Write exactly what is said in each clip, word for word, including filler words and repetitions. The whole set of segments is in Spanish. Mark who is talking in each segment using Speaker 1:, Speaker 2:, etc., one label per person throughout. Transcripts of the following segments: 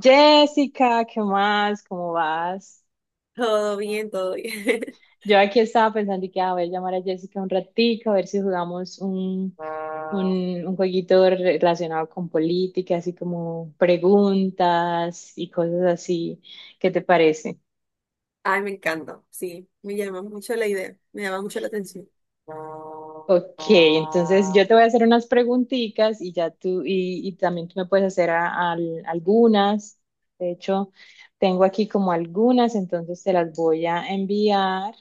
Speaker 1: Jessica, ¿qué más? ¿Cómo vas?
Speaker 2: Todo bien, todo bien.
Speaker 1: Yo aquí estaba pensando y que ah, voy a ver, llamar a Jessica un ratico, a ver si jugamos un, un, un jueguito relacionado con política, así como preguntas y cosas así. ¿Qué te parece?
Speaker 2: Ay, me encanta. Sí, me llama mucho la idea. Me llama mucho la atención.
Speaker 1: Ok, entonces yo te voy a hacer unas preguntitas y ya tú, y, y también tú me puedes hacer a- al- algunas. De hecho, tengo aquí como algunas, entonces te las voy a enviar,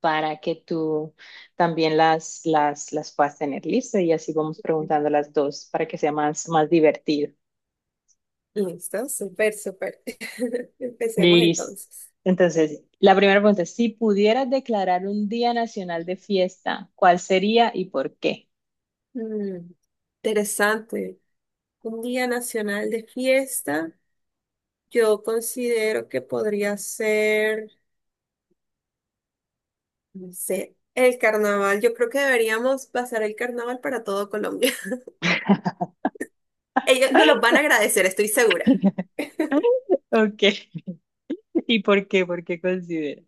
Speaker 1: para que tú también las, las, las puedas tener listas y así vamos preguntando las dos para que sea más, más divertido.
Speaker 2: Listo, súper, súper. Empecemos
Speaker 1: Listo.
Speaker 2: entonces.
Speaker 1: Entonces, la primera pregunta es, si pudieras declarar un día nacional de fiesta, ¿cuál sería y por qué?
Speaker 2: Mm, interesante. Un día nacional de fiesta. Yo considero que podría ser, no sé, el carnaval. Yo creo que deberíamos pasar el carnaval para todo Colombia. Ellos nos los van a agradecer, estoy segura.
Speaker 1: Ok, ¿y por qué? ¿Por qué consideras?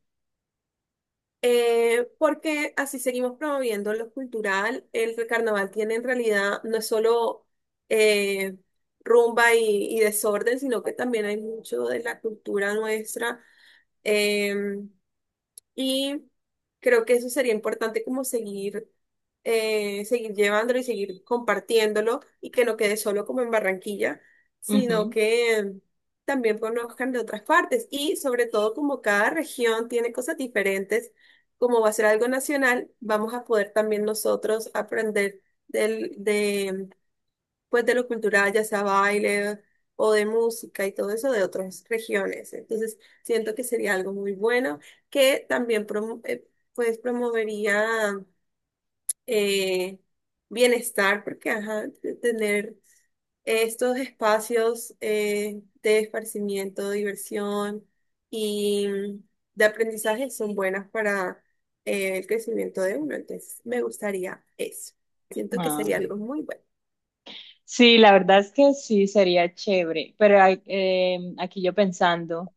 Speaker 2: Eh, porque así seguimos promoviendo lo cultural. El carnaval tiene en realidad no es solo eh, rumba y, y desorden, sino que también hay mucho de la cultura nuestra. Em, y creo que eso sería importante como seguir, eh, seguir llevándolo y seguir compartiéndolo y que no quede solo como en Barranquilla, sino
Speaker 1: Ujú.
Speaker 2: que también conozcan de otras partes, y sobre todo como cada región tiene cosas diferentes, como va a ser algo nacional, vamos a poder también nosotros aprender del- de, pues de lo cultural, ya sea baile o de música y todo eso de otras regiones. Entonces, siento que sería algo muy bueno que también promo- eh, pues promovería eh, bienestar, porque ajá, de tener estos espacios eh, de esparcimiento, de diversión y de aprendizaje son buenas para eh, el crecimiento de uno. Entonces, me gustaría eso. Siento que
Speaker 1: Ah,
Speaker 2: sería algo muy bueno.
Speaker 1: sí, la verdad es que sí, sería chévere, pero hay- eh, aquí yo pensando.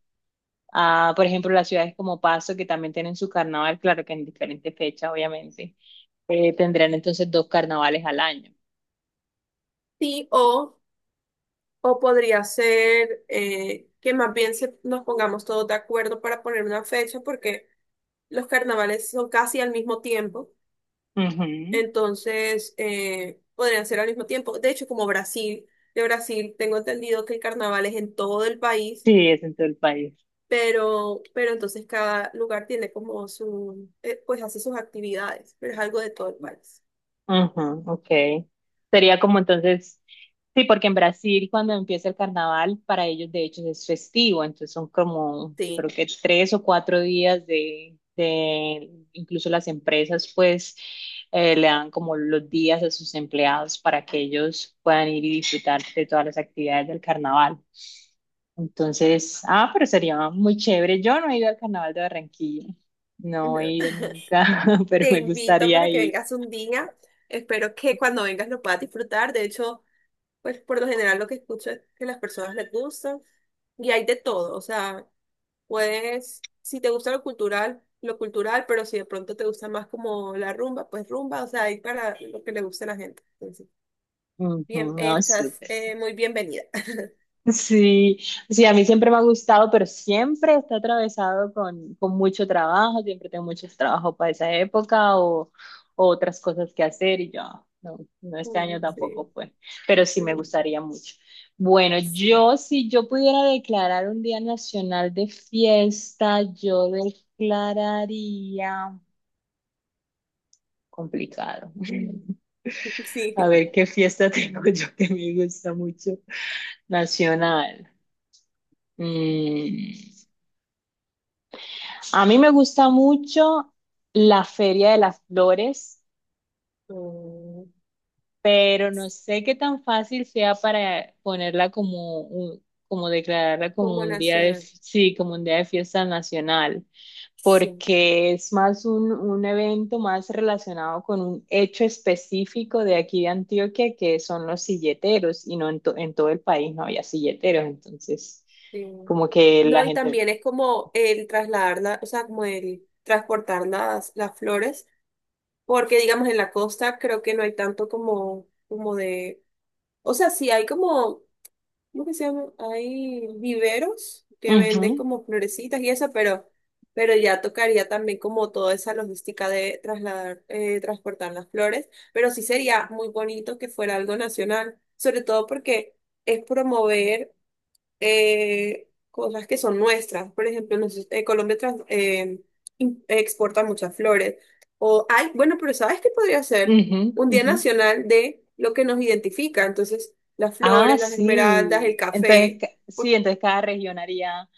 Speaker 1: Ah, por ejemplo, las ciudades como Paso, que también tienen su carnaval, claro que en diferentes fechas, obviamente, eh, tendrán entonces dos carnavales al año.
Speaker 2: Sí, o O podría ser eh, que más bien se- nos pongamos todos de acuerdo para poner una fecha, porque los carnavales son casi al mismo tiempo,
Speaker 1: Ujú.
Speaker 2: entonces eh, podrían ser al mismo tiempo. De hecho, como Brasil, de Brasil tengo entendido que el carnaval es en todo el país,
Speaker 1: Sí, es en todo el país.
Speaker 2: pero, pero entonces cada lugar tiene como su, eh, pues hace sus actividades, pero es algo de todo el país.
Speaker 1: Ujú, ok. Sería como entonces, sí, porque en Brasil cuando empieza el carnaval, para ellos de hecho es festivo, entonces son como, creo
Speaker 2: Sí.
Speaker 1: que tres o cuatro días de, de incluso las empresas pues eh, le dan como los días a sus empleados para que ellos puedan ir y disfrutar de todas las actividades del carnaval. Entonces, ah, pero sería muy chévere. Yo no he ido al carnaval de Barranquilla, no he
Speaker 2: No.
Speaker 1: ido nunca, pero
Speaker 2: Te
Speaker 1: me
Speaker 2: invito
Speaker 1: gustaría
Speaker 2: para que
Speaker 1: ir.
Speaker 2: vengas un día. Espero que cuando vengas lo puedas disfrutar. De hecho, pues por lo general lo que escucho es que las personas les gustan y hay de todo. O sea, puedes, si te gusta lo cultural, lo cultural, pero si de pronto te gusta más como la rumba, pues rumba, o sea, hay para lo que le guste a la gente. Entonces,
Speaker 1: Ujú.
Speaker 2: bien,
Speaker 1: No,
Speaker 2: estás
Speaker 1: súper.
Speaker 2: eh, muy bienvenida.
Speaker 1: Sí, sí, a mí siempre me ha gustado, pero siempre está atravesado con, con mucho trabajo, siempre tengo mucho trabajo para esa época o, o otras cosas que hacer y yo, no, no, este
Speaker 2: Mm,
Speaker 1: año tampoco
Speaker 2: sí.
Speaker 1: fue, pero sí me gustaría mucho. Bueno,
Speaker 2: Sí.
Speaker 1: yo si yo pudiera declarar un día nacional de fiesta, yo declararía complicado.
Speaker 2: Sí.
Speaker 1: A ver qué fiesta tengo yo que me gusta mucho nacional. Mm, a mí me gusta mucho la Feria de las Flores,
Speaker 2: Mm,
Speaker 1: pero no sé qué tan fácil sea para ponerla como un- como declararla como
Speaker 2: como
Speaker 1: un día de,
Speaker 2: nacional.
Speaker 1: sí, como un día de fiesta nacional,
Speaker 2: Sí.
Speaker 1: porque es más un, un evento más relacionado con un hecho específico de aquí de Antioquia, que son los silleteros, y no en, to- en todo el país no había silleteros, entonces
Speaker 2: Sí.
Speaker 1: como que la
Speaker 2: No, y
Speaker 1: gente...
Speaker 2: también es como el trasladarla, o sea, como el transportar las, las flores, porque digamos en la costa creo que no hay tanto como, como de, o sea, sí hay como ¿cómo que se llama? Hay viveros que
Speaker 1: Ujú,
Speaker 2: venden como florecitas y eso, pero, pero ya tocaría también como toda esa logística de trasladar, eh, transportar las flores, pero sí sería muy bonito que fuera algo nacional, sobre todo porque es promover eh, cosas que son nuestras. Por ejemplo, nosotros- eh, Colombia trans- eh, im- exporta muchas flores. O hay, bueno, pero ¿sabes qué podría ser?
Speaker 1: ujú,
Speaker 2: Un día
Speaker 1: ujú.
Speaker 2: nacional de lo que nos identifica. Entonces, las
Speaker 1: Ah,
Speaker 2: flores, las esmeraldas, el
Speaker 1: sí. Entonces,
Speaker 2: café.
Speaker 1: ca- sí,
Speaker 2: Por-
Speaker 1: entonces cada región haría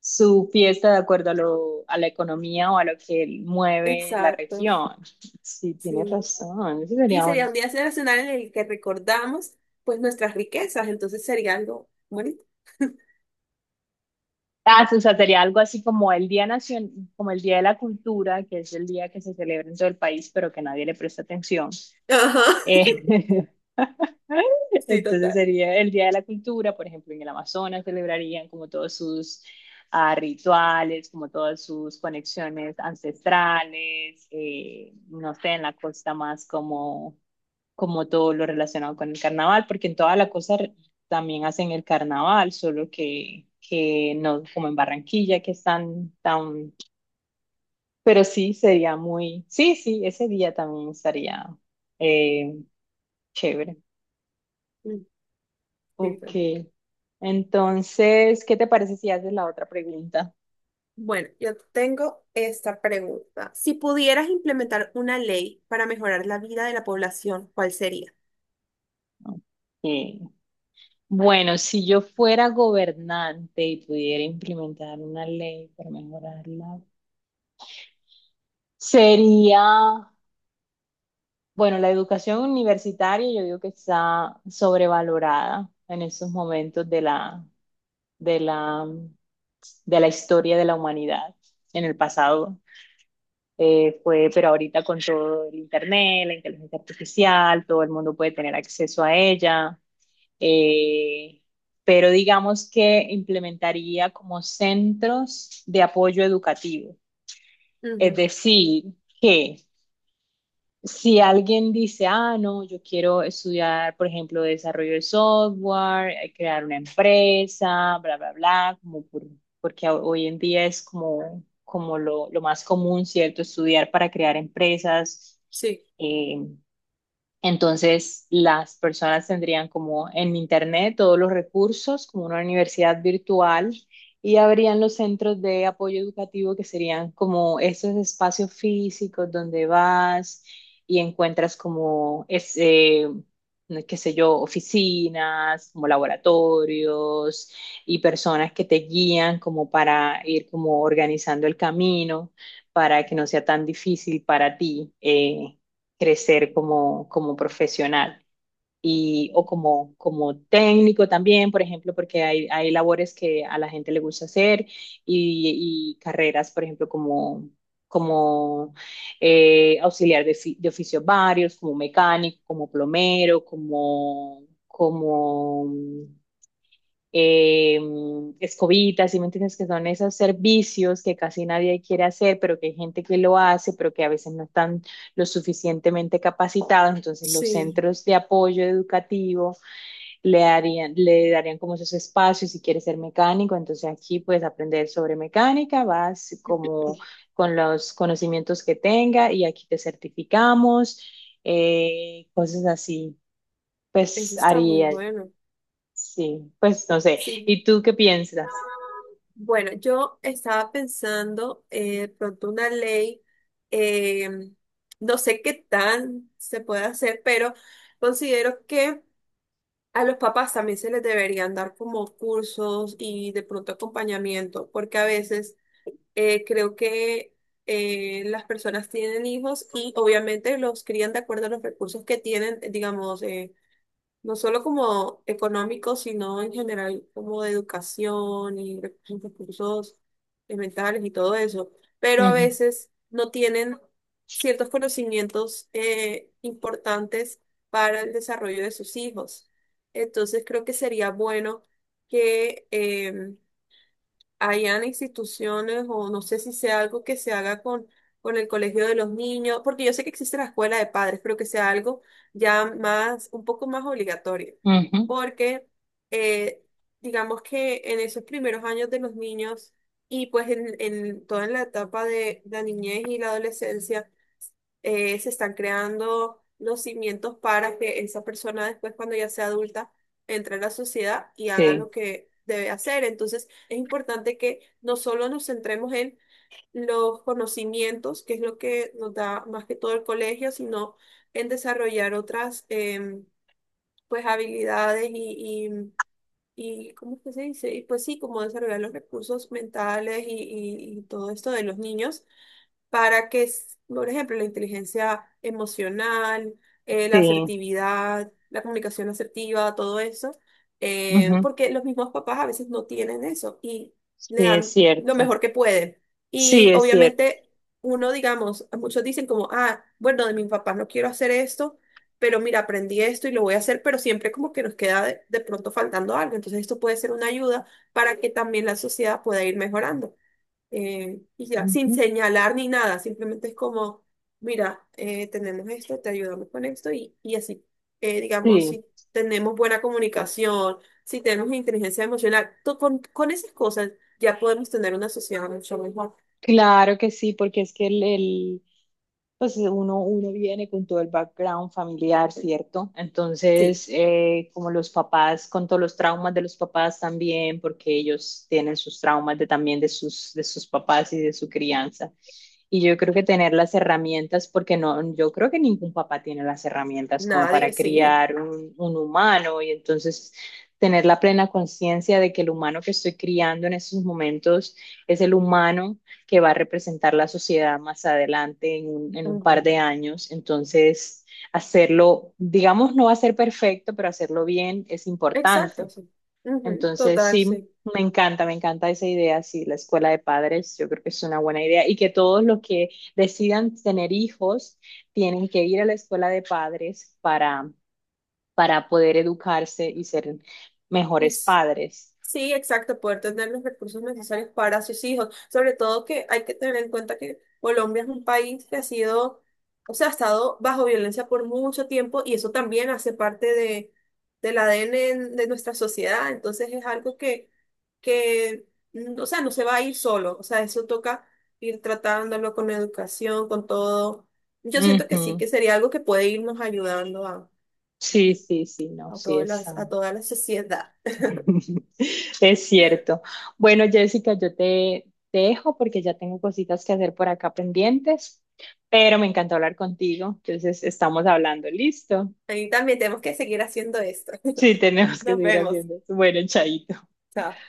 Speaker 1: su fiesta de acuerdo a lo, a la economía o a lo que mueve la
Speaker 2: Exacto,
Speaker 1: región. Sí, tienes
Speaker 2: sí.
Speaker 1: razón. Eso
Speaker 2: Y
Speaker 1: sería
Speaker 2: sería
Speaker 1: un...
Speaker 2: un día nacional en el que recordamos, pues, nuestras riquezas. Entonces sería algo bonito.
Speaker 1: Ah, sí, o sea, sería algo así como el Día Nacion- como el Día de la Cultura, que es el día que se celebra en todo el país, pero que nadie le presta atención.
Speaker 2: Ajá.
Speaker 1: Eh,
Speaker 2: Sí,
Speaker 1: entonces
Speaker 2: total.
Speaker 1: sería el Día de la Cultura, por ejemplo, en el Amazonas celebrarían como todos sus ah, rituales, como todas sus conexiones ancestrales, eh, no sé, en la costa más como, como todo lo relacionado con el carnaval, porque en toda la costa re- también hacen el carnaval, solo que, que no como en Barranquilla, que están tan... Pero sí, sería muy... Sí, sí, ese día también estaría eh, chévere.
Speaker 2: Mm, sí,
Speaker 1: Ok.
Speaker 2: total.
Speaker 1: Entonces, ¿qué te parece si haces la otra pregunta?
Speaker 2: Bueno, yo tengo esta pregunta. Si pudieras implementar una ley para mejorar la vida de la población, ¿cuál sería?
Speaker 1: Ok. Bueno, si yo fuera gobernante y pudiera implementar una ley para mejorarla, sería, bueno, la educación universitaria yo digo que está sobrevalorada en estos momentos de la, de la, de la historia de la humanidad en el pasado. Eh, fue, pero ahorita con todo el internet, la inteligencia artificial, todo el mundo puede tener acceso a ella. eh, pero digamos que implementaría como centros de apoyo educativo. Es
Speaker 2: Ujú,
Speaker 1: decir, que si alguien dice, ah, no, yo quiero estudiar, por ejemplo, desarrollo de software, eh, crear una empresa, bla, bla, bla, como por- porque ho- hoy en día es como, como lo, lo más común, ¿cierto? Estudiar para crear empresas,
Speaker 2: sí,
Speaker 1: eh, entonces, las personas tendrían como en Internet todos los recursos, como una universidad virtual, y habrían los centros de apoyo educativo que serían como esos espacios físicos donde vas y encuentras como, es, eh, qué sé yo, oficinas, como laboratorios y personas que te guían como para ir como organizando el camino para que no sea tan difícil para ti, eh, crecer como, como profesional y, o como, como técnico también, por ejemplo, porque hay, hay labores que a la gente le gusta hacer y, y carreras, por ejemplo, como, como eh, auxiliar de, fi- de oficios varios, como mecánico, como plomero, como, como eh, escobitas, ¿sí me entiendes? Que son esos servicios que casi nadie quiere hacer, pero que hay gente que lo hace, pero que a veces no están lo suficientemente capacitados. Entonces, los
Speaker 2: sí,
Speaker 1: centros de apoyo educativo le darían, le darían como esos espacios si quieres ser mecánico. Entonces, aquí puedes aprender sobre mecánica, vas como con los conocimientos que tenga y aquí te certificamos, eh, cosas así.
Speaker 2: eso
Speaker 1: Pues
Speaker 2: está muy
Speaker 1: haría...
Speaker 2: bueno.
Speaker 1: Sí, pues no sé.
Speaker 2: Sí.
Speaker 1: ¿Y tú qué piensas?
Speaker 2: Bueno, yo estaba pensando eh, de pronto una ley, eh, no sé qué tan se puede hacer, pero considero que a los papás también se les deberían dar como cursos y de pronto acompañamiento, porque a veces eh, creo que eh, las personas tienen hijos y obviamente los crían de acuerdo a los recursos que tienen, digamos, eh, no solo como económico, sino en general como de educación y re- recursos eh, mentales y todo eso, pero a
Speaker 1: Ujú,
Speaker 2: veces no tienen ciertos conocimientos eh, importantes para el desarrollo de sus hijos. Entonces creo que sería bueno que em, hayan instituciones, o no sé si sea algo que se haga con, con el colegio de los niños, porque yo sé que existe la escuela de padres, pero que sea algo ya más, un poco más obligatorio,
Speaker 1: ujú.
Speaker 2: porque eh, digamos que en esos primeros años de los niños y pues en, en toda la etapa de la niñez y la adolescencia, eh, se están creando los cimientos para que esa persona después, cuando ya sea adulta, entre a la sociedad y haga
Speaker 1: Sí,
Speaker 2: lo que debe hacer. Entonces, es importante que no solo nos centremos en los conocimientos, que es lo que nos da más que todo el colegio, sino en desarrollar otras em, pues habilidades y, y, y ¿cómo es que se dice? Y pues sí, como desarrollar los recursos mentales y, y- y todo esto de los niños para que, s- por ejemplo, la inteligencia emocional, eh, la
Speaker 1: sí,
Speaker 2: asertividad, la comunicación asertiva, todo eso, eh,
Speaker 1: ujú.
Speaker 2: porque los mismos papás a veces no tienen eso y
Speaker 1: Sí,
Speaker 2: le
Speaker 1: es
Speaker 2: dan lo
Speaker 1: cierto.
Speaker 2: mejor que pueden.
Speaker 1: Sí,
Speaker 2: Y
Speaker 1: es cierto.
Speaker 2: obviamente uno, digamos, muchos dicen como, ah, bueno, de mis papás no quiero hacer esto. Pero mira, aprendí esto y lo voy a hacer, pero siempre como que nos queda de de pronto faltando algo. Entonces esto puede ser una ayuda para que también la sociedad pueda ir mejorando eh, y ya, sin
Speaker 1: Ujú.
Speaker 2: señalar ni nada, simplemente es como, mira, eh, tenemos esto, te ayudamos con esto y, y así. Eh, digamos,
Speaker 1: Sí.
Speaker 2: si tenemos buena comunicación, si tenemos inteligencia emocional, to- con, con esas cosas ya podemos tener una sociedad mucho mejor.
Speaker 1: Claro que sí, porque es que el, el- pues uno, uno viene con todo el background familiar, ¿cierto?
Speaker 2: Sí,
Speaker 1: Entonces, eh, como los papás, con todos los traumas de los papás también, porque ellos tienen sus traumas de, también de sus, de sus papás y de su crianza. Y yo creo que tener las herramientas, porque no, yo creo que ningún papá tiene las herramientas como
Speaker 2: nadie,
Speaker 1: para
Speaker 2: sí.
Speaker 1: criar un, un humano y entonces tener la plena conciencia de que el humano que estoy criando en esos momentos es el humano que va a representar la sociedad más adelante en un, en un
Speaker 2: Ujú.
Speaker 1: par de años. Entonces, hacerlo, digamos, no va a ser perfecto, pero hacerlo bien es
Speaker 2: Exacto,
Speaker 1: importante.
Speaker 2: sí. Ujú,
Speaker 1: Entonces,
Speaker 2: total,
Speaker 1: sí,
Speaker 2: sí.
Speaker 1: me encanta, me encanta esa idea, sí, la escuela de padres, yo creo que es una buena idea y que todos los que decidan tener hijos tienen que ir a la escuela de padres para, para poder educarse y ser
Speaker 2: Y
Speaker 1: mejores
Speaker 2: s-
Speaker 1: padres.
Speaker 2: Sí, exacto, poder tener los recursos necesarios para sus hijos. Sobre todo que hay que tener en cuenta que Colombia es un país que ha sido, o sea, ha estado bajo violencia por mucho tiempo y eso también hace parte de, del A D N en- de nuestra sociedad. Entonces es algo que, que, mm, o sea, no se va a ir solo. O sea, eso toca ir tratándolo con educación, con todo. Yo siento que sí,
Speaker 1: Ujú.
Speaker 2: que sería algo que puede irnos ayudando a,
Speaker 1: Sí,
Speaker 2: a,
Speaker 1: sí, sí, no,
Speaker 2: a
Speaker 1: sí,
Speaker 2: todas
Speaker 1: es, ah,
Speaker 2: las- a toda la sociedad.
Speaker 1: es cierto. Bueno, Jessica, yo te, te dejo porque ya tengo cositas que hacer por acá pendientes, pero me encantó hablar contigo. Entonces, estamos hablando, ¿listo?
Speaker 2: Y también tenemos que seguir haciendo esto.
Speaker 1: Sí, tenemos que
Speaker 2: Nos
Speaker 1: seguir
Speaker 2: vemos.
Speaker 1: haciendo. Bueno, chaito.
Speaker 2: Chao.